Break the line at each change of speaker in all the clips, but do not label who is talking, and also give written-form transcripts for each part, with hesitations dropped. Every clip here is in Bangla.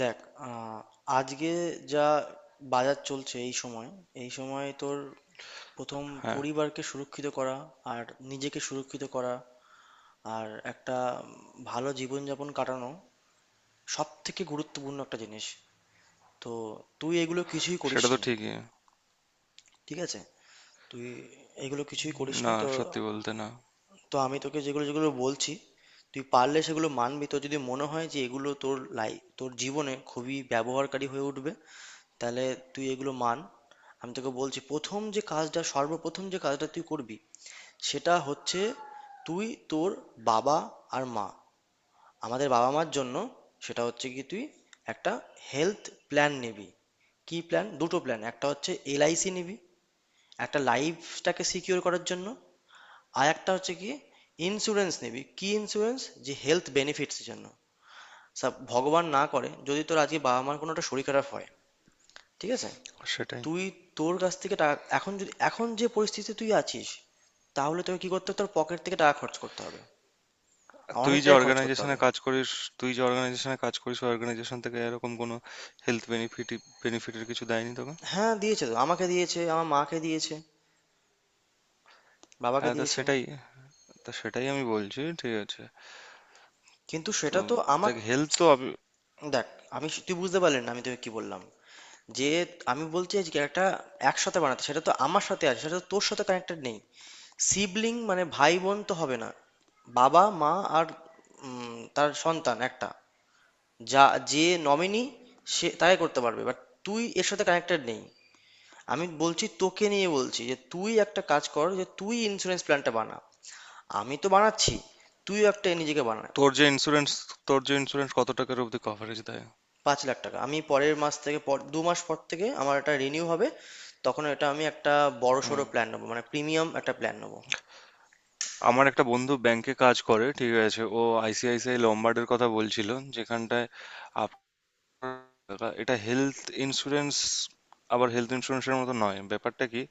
দেখ, আহ, আজকে যা বাজার চলছে, এই সময় তোর প্রথম
হ্যাঁ,
পরিবারকে সুরক্ষিত করা, আর নিজেকে সুরক্ষিত করা, আর একটা ভালো জীবনযাপন কাটানো সব থেকে গুরুত্বপূর্ণ একটা জিনিস। তো তুই এগুলো কিছুই
সেটা তো
করিসনি।
ঠিকই।
ঠিক আছে, তুই এগুলো কিছুই করিসনি
না,
তো।
সত্যি বলতে না।
তো আমি তোকে যেগুলো যেগুলো বলছি, তুই পারলে সেগুলো মানবি। তো যদি মনে হয় যে এগুলো তোর লাই তোর জীবনে খুবই ব্যবহারকারী হয়ে উঠবে, তাহলে তুই এগুলো মান। আমি তোকে বলছি, প্রথম যে কাজটা সর্বপ্রথম যে কাজটা তুই করবি, সেটা হচ্ছে তুই তোর বাবা আর মা, আমাদের বাবা মার জন্য, সেটা হচ্ছে কি তুই একটা হেলথ প্ল্যান নিবি। কি প্ল্যান? দুটো প্ল্যান। একটা হচ্ছে এলআইসি নিবি, একটা লাইফটাকে সিকিউর করার জন্য। আর একটা হচ্ছে কি, ইন্স্যুরেন্স নিবি। কি ইন্স্যুরেন্স? যে হেলথ বেনিফিটসের জন্য। সব ভগবান না করে, যদি তোর আজকে বাবা মার কোনো একটা শরীর খারাপ হয়, ঠিক আছে,
সেটাই।
তুই তোর কাছ থেকে টাকা, এখন যে পরিস্থিতিতে তুই আছিস, তাহলে তোকে কি করতে হবে? তোর পকেট থেকে টাকা খরচ করতে হবে,
তুই যে
অনেকটাই খরচ করতে
অর্গানাইজেশনে
হবে।
কাজ করিস, তুই যে অর্গানাইজেশনে কাজ করিস, ওই অর্গানাইজেশন থেকে এরকম কোনো হেলথ বেনিফিটের কিছু দেয়নি তোকে?
হ্যাঁ, দিয়েছে তো, আমাকে দিয়েছে, আমার মাকে দিয়েছে, বাবাকে
হ্যাঁ,
দিয়েছে।
তা সেটাই আমি বলছি, ঠিক আছে।
কিন্তু
তো
সেটা তো
দেখ
আমাকে।
হেলথ তো আমি-
দেখ, তুই বুঝতে পারলি না আমি তোকে কি বললাম। যে আমি বলছি যে একটা একসাথে বানাতে, সেটা তো আমার সাথে আছে, সেটা তো তোর সাথে কানেক্টেড নেই। সিবলিং মানে ভাই বোন তো হবে না, বাবা মা আর তার সন্তান একটা, যা, যে নমিনি, সে তাই করতে পারবে। বাট তুই এর সাথে কানেক্টেড নেই। আমি বলছি তোকে নিয়ে বলছি, যে তুই একটা কাজ কর, যে তুই ইন্স্যুরেন্স প্ল্যানটা বানা। আমি তো বানাচ্ছি, তুই একটা নিজেকে বানা।
তোর যে ইন্স্যুরেন্স তোর যে ইন্স্যুরেন্স কত টাকার অবধি কভারেজ দেয়?
৳৫,০০,০০০। আমি পরের মাস থেকে, পর ২ মাস পর থেকে আমার এটা রিনিউ হবে। তখন এটা আমি একটা বড়
হুম।
সড়ো প্ল্যান নেবো, মানে প্রিমিয়াম একটা প্ল্যান নেবো।
আমার একটা বন্ধু ব্যাংকে কাজ করে, ঠিক আছে। ও আইসিআইসিআই লম্বার্ডের কথা বলছিল, যেখানটায় দাদা এটা হেলথ ইন্স্যুরেন্স আবার হেলথ ইন্স্যুরেন্সের মতো নয়। ব্যাপারটা কি,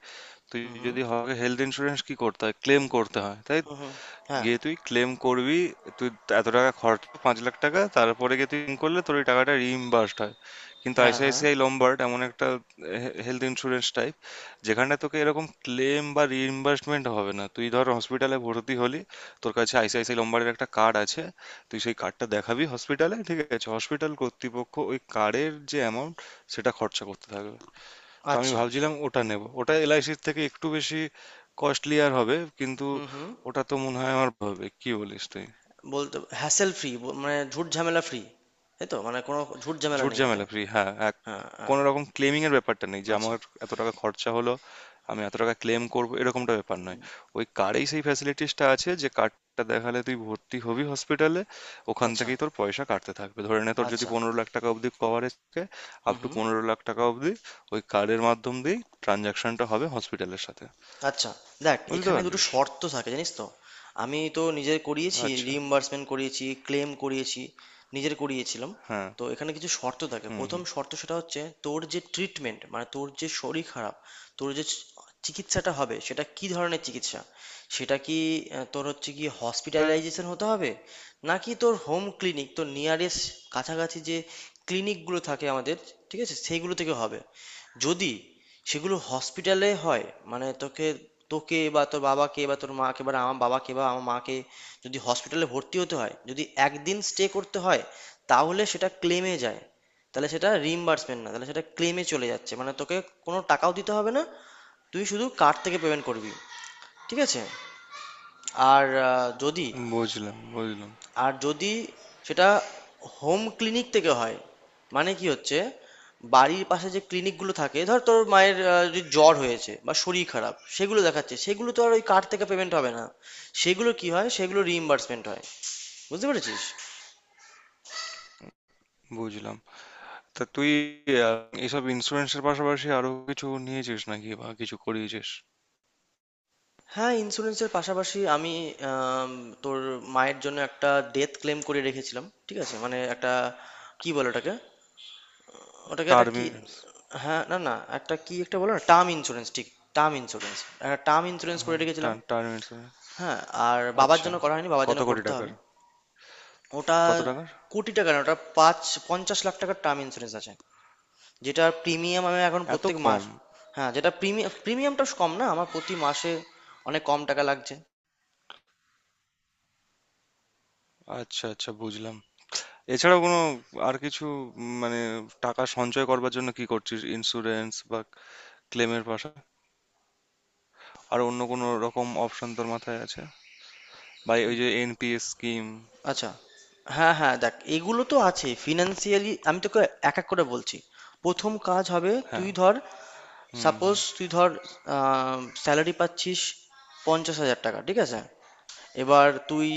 তুই
হুম হুম।
যদি হয় হেলথ ইন্স্যুরেন্স কি করতে হয়, ক্লেম করতে হয় তাই
হুম হুম। হ্যাঁ
গিয়ে তুই ক্লেম করবি। তুই এত টাকা খরচ পাঁচ লাখ টাকা তারপরে গিয়ে তুই claim করলে তোর ওই টাকাটা রিইম্বার্সড হয়। কিন্তু
হ্যাঁ। হ্যাঁ।
আইসিআইসিআই লম্বার্ড এমন একটা হেলথ ইন্স্যুরেন্স টাইপ, যেখানে তোকে এরকম ক্লেম বা রিইম্বার্সমেন্ট হবে না। তুই ধর হসপিটালে ভর্তি হলি, তোর কাছে আইসিআইসিআই লম্বার্ডের একটা কার্ড আছে, তুই সেই কার্ডটা দেখাবি হসপিটালে, ঠিক আছে। হসপিটাল কর্তৃপক্ষ ওই কার্ডের যে অ্যামাউন্ট, সেটা খরচা করতে থাকে। তো আমি
আচ্ছা।
ভাবছিলাম ওটা নেব, ওটা এলআইসির থেকে একটু বেশি কস্টলি আর হবে, কিন্তু
হুম হুম।
ওটা তো মনে হয় আমার হবে, কি বলিস তুই?
বলতে হ্যাসেল ফ্রি, মানে ঝুট ঝামেলা ফ্রি, তাই তো, মানে কোনো ঝুট ঝামেলা
ঝুট
নেই ওতে।
ঝামেলা ফ্রি, হ্যাঁ, এক
হ্যাঁ হ্যাঁ।
কোনো রকম ক্লেমিং এর ব্যাপারটা নেই, যে
আচ্ছা
আমার এত টাকা খরচা হলো, আমি এত টাকা ক্লেম করব, এরকমটা ব্যাপার নয়। ওই কার্ডেই সেই ফ্যাসিলিটিসটা আছে, যে কার্ডটা দেখালে তুই ভর্তি হবি হসপিটালে, ওখান
আচ্ছা
থেকেই তোর পয়সা কাটতে থাকবে। ধরে নে তোর যদি
আচ্ছা।
পনেরো লাখ টাকা অবধি কভারেজ থাকে,
হুম
আপ টু
হুম।
পনেরো লাখ টাকা অবধি, ওই কার্ডের মাধ্যম দিয়েই ট্রানজাকশনটা হবে হসপিটালের সাথে।
আচ্ছা। দেখ,
বুঝতে
এখানে দুটো
পারলিস?
শর্ত থাকে জানিস তো। আমি তো নিজের করিয়েছি,
আচ্ছা,
রিইম্বার্সমেন্ট করিয়েছি, ক্লেম করিয়েছি, নিজের করিয়েছিলাম।
হ্যাঁ,
তো এখানে কিছু শর্ত থাকে।
হুম,
প্রথম
হুম।
শর্ত, সেটা হচ্ছে তোর যে ট্রিটমেন্ট, মানে তোর যে শরীর খারাপ, তোর যে চিকিৎসাটা হবে, সেটা কি ধরনের চিকিৎসা, সেটা কি, তোর হচ্ছে কি হসপিটালাইজেশন হতে হবে, নাকি তোর হোম ক্লিনিক, তোর নিয়ারেস্ট, কাছাকাছি যে ক্লিনিকগুলো থাকে আমাদের, ঠিক আছে, সেইগুলো থেকে হবে। যদি সেগুলো হসপিটালে হয়, মানে তোকে, তোকে বা তোর বাবাকে বা তোর মাকে বা আমার বাবাকে বা আমার মাকে যদি হসপিটালে ভর্তি হতে হয়, যদি একদিন স্টে করতে হয়, তাহলে সেটা ক্লেমে যায়। তাহলে সেটা রিইম্বার্সমেন্ট না, তাহলে সেটা ক্লেমে চলে যাচ্ছে। মানে তোকে কোনো টাকাও দিতে হবে না, তুই শুধু কার্ড থেকে পেমেন্ট করবি। ঠিক আছে। আর আহ, যদি
বুঝলাম, বুঝলাম,
আর যদি সেটা হোম ক্লিনিক থেকে হয়, মানে কি হচ্ছে, বাড়ির পাশে যে ক্লিনিকগুলো থাকে, ধর তোর মায়ের যদি জ্বর হয়েছে বা শরীর খারাপ, সেগুলো দেখাচ্ছে, সেগুলো তো আর ওই কার্ড থেকে পেমেন্ট হবে না। সেগুলো কি হয়, সেগুলো রিইম্বার্সমেন্ট হয়। বুঝতে পেরেছিস।
বুঝলাম। তা তুই, আ, এসব ইন্সুরেন্সের পাশাপাশি আরো কিছু নিয়েছিস নাকি বা কিছু করিয়েছিস?
হ্যাঁ, ইন্স্যুরেন্সের পাশাপাশি আমি আম, তোর মায়ের জন্য একটা ডেথ ক্লেম করে রেখেছিলাম। ঠিক আছে, মানে একটা, কি বলে ওটাকে, ওটাকে একটা
টার্ম
কি,
ইন্সুরেন্স।
হ্যাঁ না না, একটা কি, একটা বলো না, টার্ম ইন্স্যুরেন্স, ঠিক, টার্ম ইন্স্যুরেন্স, একটা টার্ম ইন্স্যুরেন্স করে
হ্যাঁ,
রেখেছিলাম।
Term term insurance.
হ্যাঁ। আর বাবার
আচ্ছা।
জন্য করা হয়নি, বাবার
কত
জন্য
কোটি
করতে
টাকার?
হবে। ওটা
কত টাকার?
কোটি টাকা না, ওটা পাঁচ, ৳৫০,০০,০০০ টার্ম ইন্স্যুরেন্স আছে। যেটা প্রিমিয়াম আমি এখন
এত
প্রত্যেক মাস,
কম?
হ্যাঁ যেটা প্রিমিয়াম, প্রিমিয়ামটা কম না, আমার প্রতি মাসে অনেক কম টাকা লাগছে।
আচ্ছা, আচ্ছা, বুঝলাম। এছাড়াও কোনো আর কিছু, মানে টাকা সঞ্চয় করবার জন্য কি করছিস? ইন্সুরেন্স বা ক্লেমের পাশা, আর অন্য কোনো রকম অপশন তোর মাথায় আছে? বা ওই যে এনপিএস স্কিম?
আচ্ছা। হ্যাঁ হ্যাঁ, দেখ এগুলো তো আছে। ফিনান্সিয়ালি আমি তোকে এক এক করে বলছি। প্রথম কাজ হবে,
হ্যাঁ,
তুই ধর,
হুম,
সাপোজ
হুম।
তুই ধর স্যালারি পাচ্ছিস ৳৫০,০০০, ঠিক আছে। এবার তুই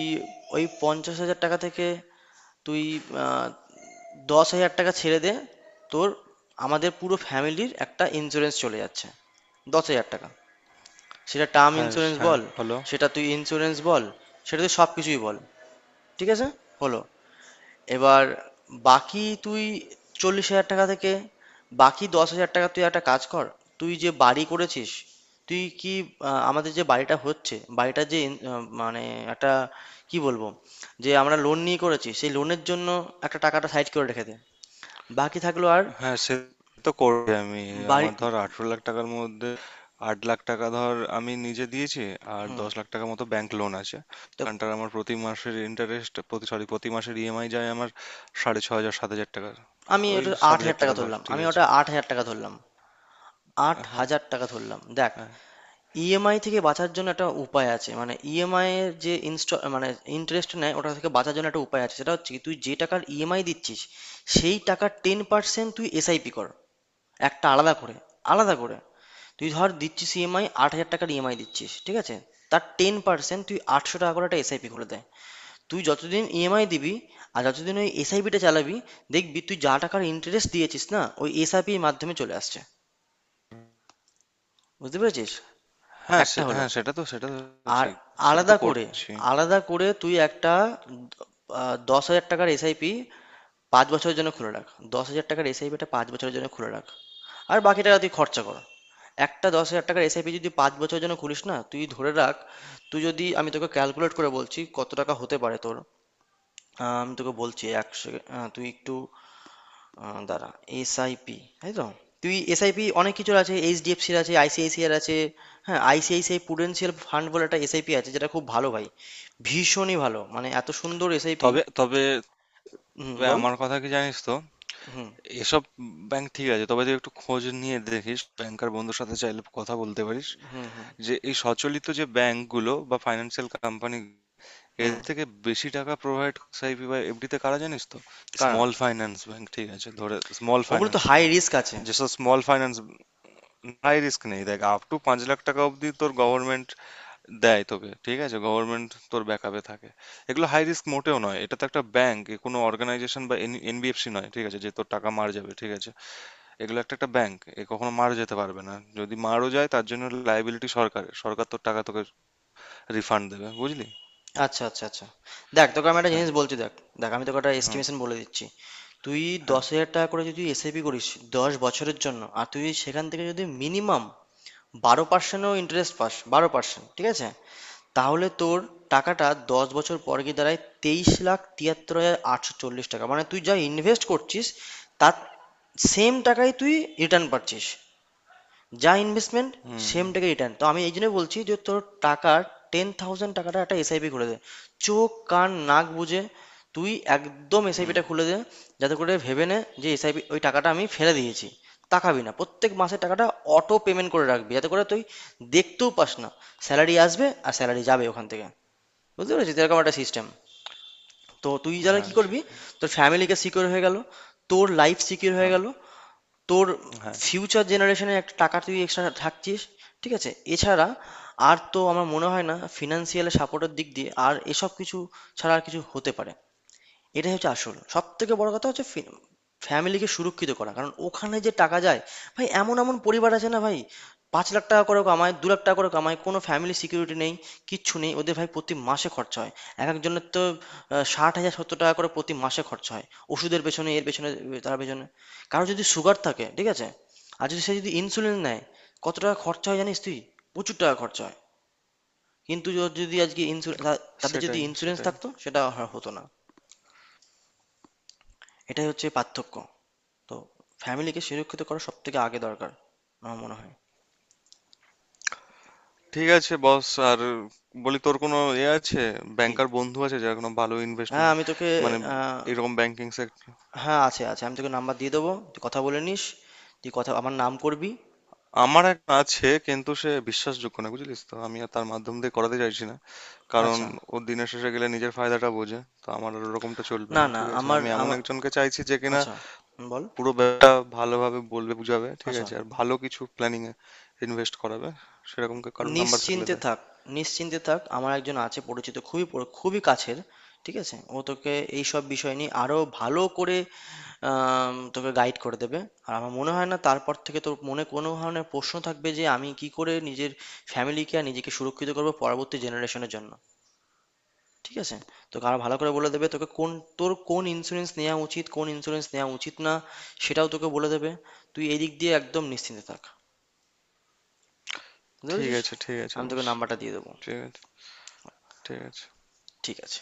ওই ৳৫০,০০০ থেকে তুই আহ, ৳১০,০০০ ছেড়ে দে, তোর, আমাদের পুরো ফ্যামিলির একটা ইন্স্যুরেন্স চলে যাচ্ছে, ৳১০,০০০। সেটা টার্ম
হ্যাঁ,
ইন্স্যুরেন্স
হ্যাঁ,
বল,
হলো।
সেটা তুই ইন্স্যুরেন্স বল, সেটা তুই সব কিছুই বল, ঠিক আছে, হলো। এবার বাকি তুই ৳৪০,০০০ থেকে, বাকি ৳১০,০০০ তুই একটা কাজ কর। তুই যে বাড়ি করেছিস, তুই কি, আমাদের যে বাড়িটা হচ্ছে, বাড়িটা যে মানে একটা, কি বলবো, যে আমরা লোন নিয়ে করেছি, সেই লোনের জন্য একটা টাকাটা সাইড করে রেখে দে। বাকি থাকলো আর
হ্যাঁ সে তো করবে। আমি
বাড়ি।
আমার ধর 18 লাখ টাকার মধ্যে 8 লাখ টাকা ধর আমি নিজে দিয়েছি, আর 10 লাখ টাকা মতো ব্যাংক লোন আছে।
তো
ওখানটার আমার প্রতি মাসের ইন্টারেস্ট, প্রতি, সরি, প্রতি মাসের ইএমআই যায় আমার সাড়ে ছ হাজার, সাত হাজার টাকা। ওই সাত হাজার টাকা ধর, ঠিক
আমি ওটা
আছে।
আট হাজার টাকা ধরলাম, আট
হ্যাঁ,
হাজার টাকা ধরলাম। দেখ,
হ্যাঁ।
ইএমআই থেকে বাঁচার জন্য একটা উপায় আছে, মানে ইএমআই এর যে ইনস্টল, মানে ইন্টারেস্ট নেয়, ওটা থেকে বাঁচার জন্য একটা উপায় আছে। সেটা হচ্ছে কি, তুই যে টাকার ইএমআই দিচ্ছিস, সেই টাকার ১০% তুই এসআইপি কর, একটা আলাদা করে। আলাদা করে তুই ধর দিচ্ছিস ইএমআই, ৳৮,০০০ ইএমআই দিচ্ছিস, ঠিক আছে, তার ১০% তুই ৳৮০০ করে একটা এসআইপি খুলে দেয়। তুই যতদিন ইএমআই দিবি আর যতদিন ওই এসআইপিটা চালাবি, দেখবি তুই যা টাকার ইন্টারেস্ট দিয়েছিস না, ওই এসআইপির মাধ্যমে চলে আসছে। বুঝতে পেরেছিস।
হ্যাঁ
একটা
সে-
হলো।
হ্যাঁ সেটা তো সেটা তো
আর
ঠিক, সেটা তো
আলাদা করে,
করছি।
তুই একটা ৳১০,০০০ এসআইপি ৫ বছরের জন্য খুলে রাখ। ৳১০,০০০ এসআইপিটা ৫ বছরের জন্য খুলে রাখ, আর বাকি টাকা তুই খরচা কর। একটা ৳১০,০০০ এসআইপি যদি ৫ বছরের জন্য খুলিস না, তুই ধরে রাখ, তুই যদি আমি তোকে ক্যালকুলেট করে বলছি কত টাকা হতে পারে তোর। আমি তোকে বলছি, এক সেকেন্ড, তুই একটু, দাঁড়া। এসআইপি তাই তো, তুই এসআইপি অনেক কিছুর আছে, এইচডিএফসির আছে, আইসিআইসিআর আছে। হ্যাঁ, আইসিআইসিআই প্রুডেন্সিয়াল ফান্ড বলে একটা এসআইপি আছে, যেটা খুব ভালো ভাই, ভীষণই ভালো, মানে এত সুন্দর এসআইপি।
তবে তবে
হুম,
তবে
বল।
আমার কথা কি জানিস তো,
হুম
এসব ব্যাংক ঠিক আছে, তবে তুই একটু খোঁজ নিয়ে দেখিস, ব্যাংকার বন্ধুর সাথে চাইলে কথা বলতে পারিস,
হুম। হুম
যে এই সচলিত যে ব্যাংকগুলো বা ফাইন্যান্সিয়াল কোম্পানি, এর
হুম।
থেকে বেশি টাকা প্রোভাইড এসআইপি বা এফডিতে কারা জানিস তো?
কারা?
স্মল ফাইন্যান্স ব্যাংক, ঠিক আছে, ধরে স্মল
ওগুলো তো
ফাইন্যান্স
হাই
ব্যাংক।
রিস্ক আছে।
যেসব স্মল ফাইন্যান্স হাই রিস্ক নেই, দেখ আপ টু পাঁচ লাখ টাকা অবধি তোর গভর্নমেন্ট দেয় তোকে, ঠিক আছে। গভর্নমেন্ট তোর ব্যাকআপে থাকে। এগুলো হাই রিস্ক মোটেও নয়, এটা তো একটা ব্যাংক। এ কোনো অর্গানাইজেশন বা এনবিএফসি নয়, ঠিক আছে, যে তোর টাকা মার যাবে, ঠিক আছে। এগুলো একটা একটা ব্যাংক, এ কখনো মারা যেতে পারবে না। যদি মারও যায়, তার জন্য লায়াবিলিটি সরকারের, সরকার তোর টাকা তোকে রিফান্ড দেবে, বুঝলি?
আচ্ছা আচ্ছা আচ্ছা। দেখ, তোকে আমি একটা
হ্যাঁ,
জিনিস বলছি, দেখ, দেখ আমি তোকে একটা
হুম,
এস্টিমেশন বলে দিচ্ছি। তুই
হ্যাঁ,
৳১০,০০০ করে যদি এসআইপি করিস ১০ বছরের জন্য, আর তুই সেখান থেকে যদি মিনিমাম ১২%ও ইন্টারেস্ট পাস, ১২%, ঠিক আছে, তাহলে তোর টাকাটা ১০ বছর পর গিয়ে দাঁড়ায় ৳২৩,৭৩,৮৪০। মানে তুই যা ইনভেস্ট করছিস, তার সেম টাকাই তুই রিটার্ন পাচ্ছিস। যা ইনভেস্টমেন্ট,
হুম,
সেম
হুম,
টাকা রিটার্ন। তো আমি এই জন্য বলছি যে তোর টাকার ১০,০০০ টাকাটা একটা এসআইপি খুলে দে। চোখ কান নাক বুঝে তুই একদম
হুম,
এসআইপিটা খুলে দে, যাতে করে ভেবে নে যে এসআইপি ওই টাকাটা আমি ফেলে দিয়েছি। তাকাবি না প্রত্যেক মাসে টাকাটা, অটো পেমেন্ট করে রাখবি, যাতে করে তুই দেখতেও পাস না। স্যালারি আসবে আর স্যালারি যাবে ওখান থেকে। বুঝতে পেরেছিস, এরকম একটা সিস্টেম। তো তুই যারা কি
হ্যাঁ
করবি,
সেটাই,
তোর ফ্যামিলিকে সিকিউর হয়ে গেল, তোর লাইফ সিকিউর হয়ে
হ্যাঁ,
গেল, তোর
হ্যাঁ
ফিউচার জেনারেশনে একটা টাকা তুই এক্সট্রা থাকছিস। ঠিক আছে, এছাড়া আর তো আমার মনে হয় না ফিনান্সিয়াল সাপোর্টের দিক দিয়ে আর এসব কিছু ছাড়া আর কিছু হতে পারে। এটাই হচ্ছে আসল। সবথেকে বড় কথা হচ্ছে ফ্যামিলিকে সুরক্ষিত করা। কারণ ওখানে যে টাকা যায়, ভাই এমন, পরিবার আছে না ভাই, ৳৫,০০,০০০ করে কামায়, ৳২,০০,০০০ করে কামায়, কোনো ফ্যামিলি সিকিউরিটি নেই, কিচ্ছু নেই। ওদের ভাই প্রতি মাসে খরচা হয়, একেকজনের তো ৳৬০,০০০-৳৭০,০০০ করে প্রতি মাসে খরচা হয়। ওষুধের পেছনে, এর পেছনে, তার পেছনে। কারো যদি সুগার থাকে, ঠিক আছে? আর যদি সে যদি ইনসুলিন নেয়, কত টাকা খরচা হয় জানিস তুই? প্রচুর টাকা খরচা হয়। কিন্তু ওর যদি আজকে ইনসু তা তাদের যদি
সেটাই,
ইন্সুরেন্স
সেটাই।
থাকতো, সেটা হতো না। এটাই হচ্ছে পার্থক্য। তো ফ্যামিলিকে সুরক্ষিত করা সবথেকে আগে দরকার আমার মনে হয়।
ঠিক আছে বস। আর বলি তোর কোনো এ আছে
কি?
ব্যাংকার বন্ধু আছে যার কোনো ভালো
হ্যাঁ,
ইনভেস্টমেন্ট,
আমি তোকে,
মানে
আ
এরকম ব্যাংকিং সেক্টর?
হ্যাঁ, আছে, আছে। আমি তোকে নাম্বার দিয়ে দেবো, তুই কথা বলে নিস। তুই কথা আমার নাম করবি।
আমার একটা আছে, কিন্তু সে বিশ্বাসযোগ্য না, বুঝলিস তো, আমি আর তার মাধ্যম দিয়ে করাতে চাইছি না। কারণ
আচ্ছা।
ও দিনের শেষে গেলে নিজের ফায়দাটা বোঝে, তো আমার আর ওরকমটা চলবে
না,
না,
না,
ঠিক আছে।
আমার
আমি এমন
আমা
একজনকে চাইছি যে কিনা
আচ্ছা, হুম, বল।
পুরো ব্যাপারটা ভালোভাবে বলবে, বুঝাবে, ঠিক
আচ্ছা।
আছে, আর ভালো কিছু প্ল্যানিং এ ইনভেস্ট করাবে। সেরকম কা- কারো নাম্বার থাকলে
নিশ্চিন্তে
দেয়।
থাক, নিশ্চিন্তে থাক। আমার একজন আছে পরিচিত, খুবই খুবই কাছের, ঠিক আছে। ও তোকে এইসব বিষয় নিয়ে আরো ভালো করে, তোকে গাইড করে দেবে। আর আমার মনে হয় না তারপর থেকে তোর মনে কোনো ধরনের প্রশ্ন থাকবে, যে আমি কি করে নিজের ফ্যামিলিকে আর নিজেকে সুরক্ষিত করবো পরবর্তী জেনারেশনের জন্য। ঠিক আছে, তোকে আরো ভালো করে বলে দেবে, তোকে কোন, তোর কোন ইন্স্যুরেন্স নেওয়া উচিত, কোন ইন্স্যুরেন্স নেওয়া উচিত না, সেটাও তোকে বলে দেবে। তুই এই দিক দিয়ে একদম নিশ্চিন্তে থাক। বুঝতে
ঠিক
পেরেছিস,
আছে, ঠিক আছে
আমি তোকে
বস।
নাম্বারটা দিয়ে দেবো।
ঠিক আছে, ঠিক আছে।
ঠিক আছে।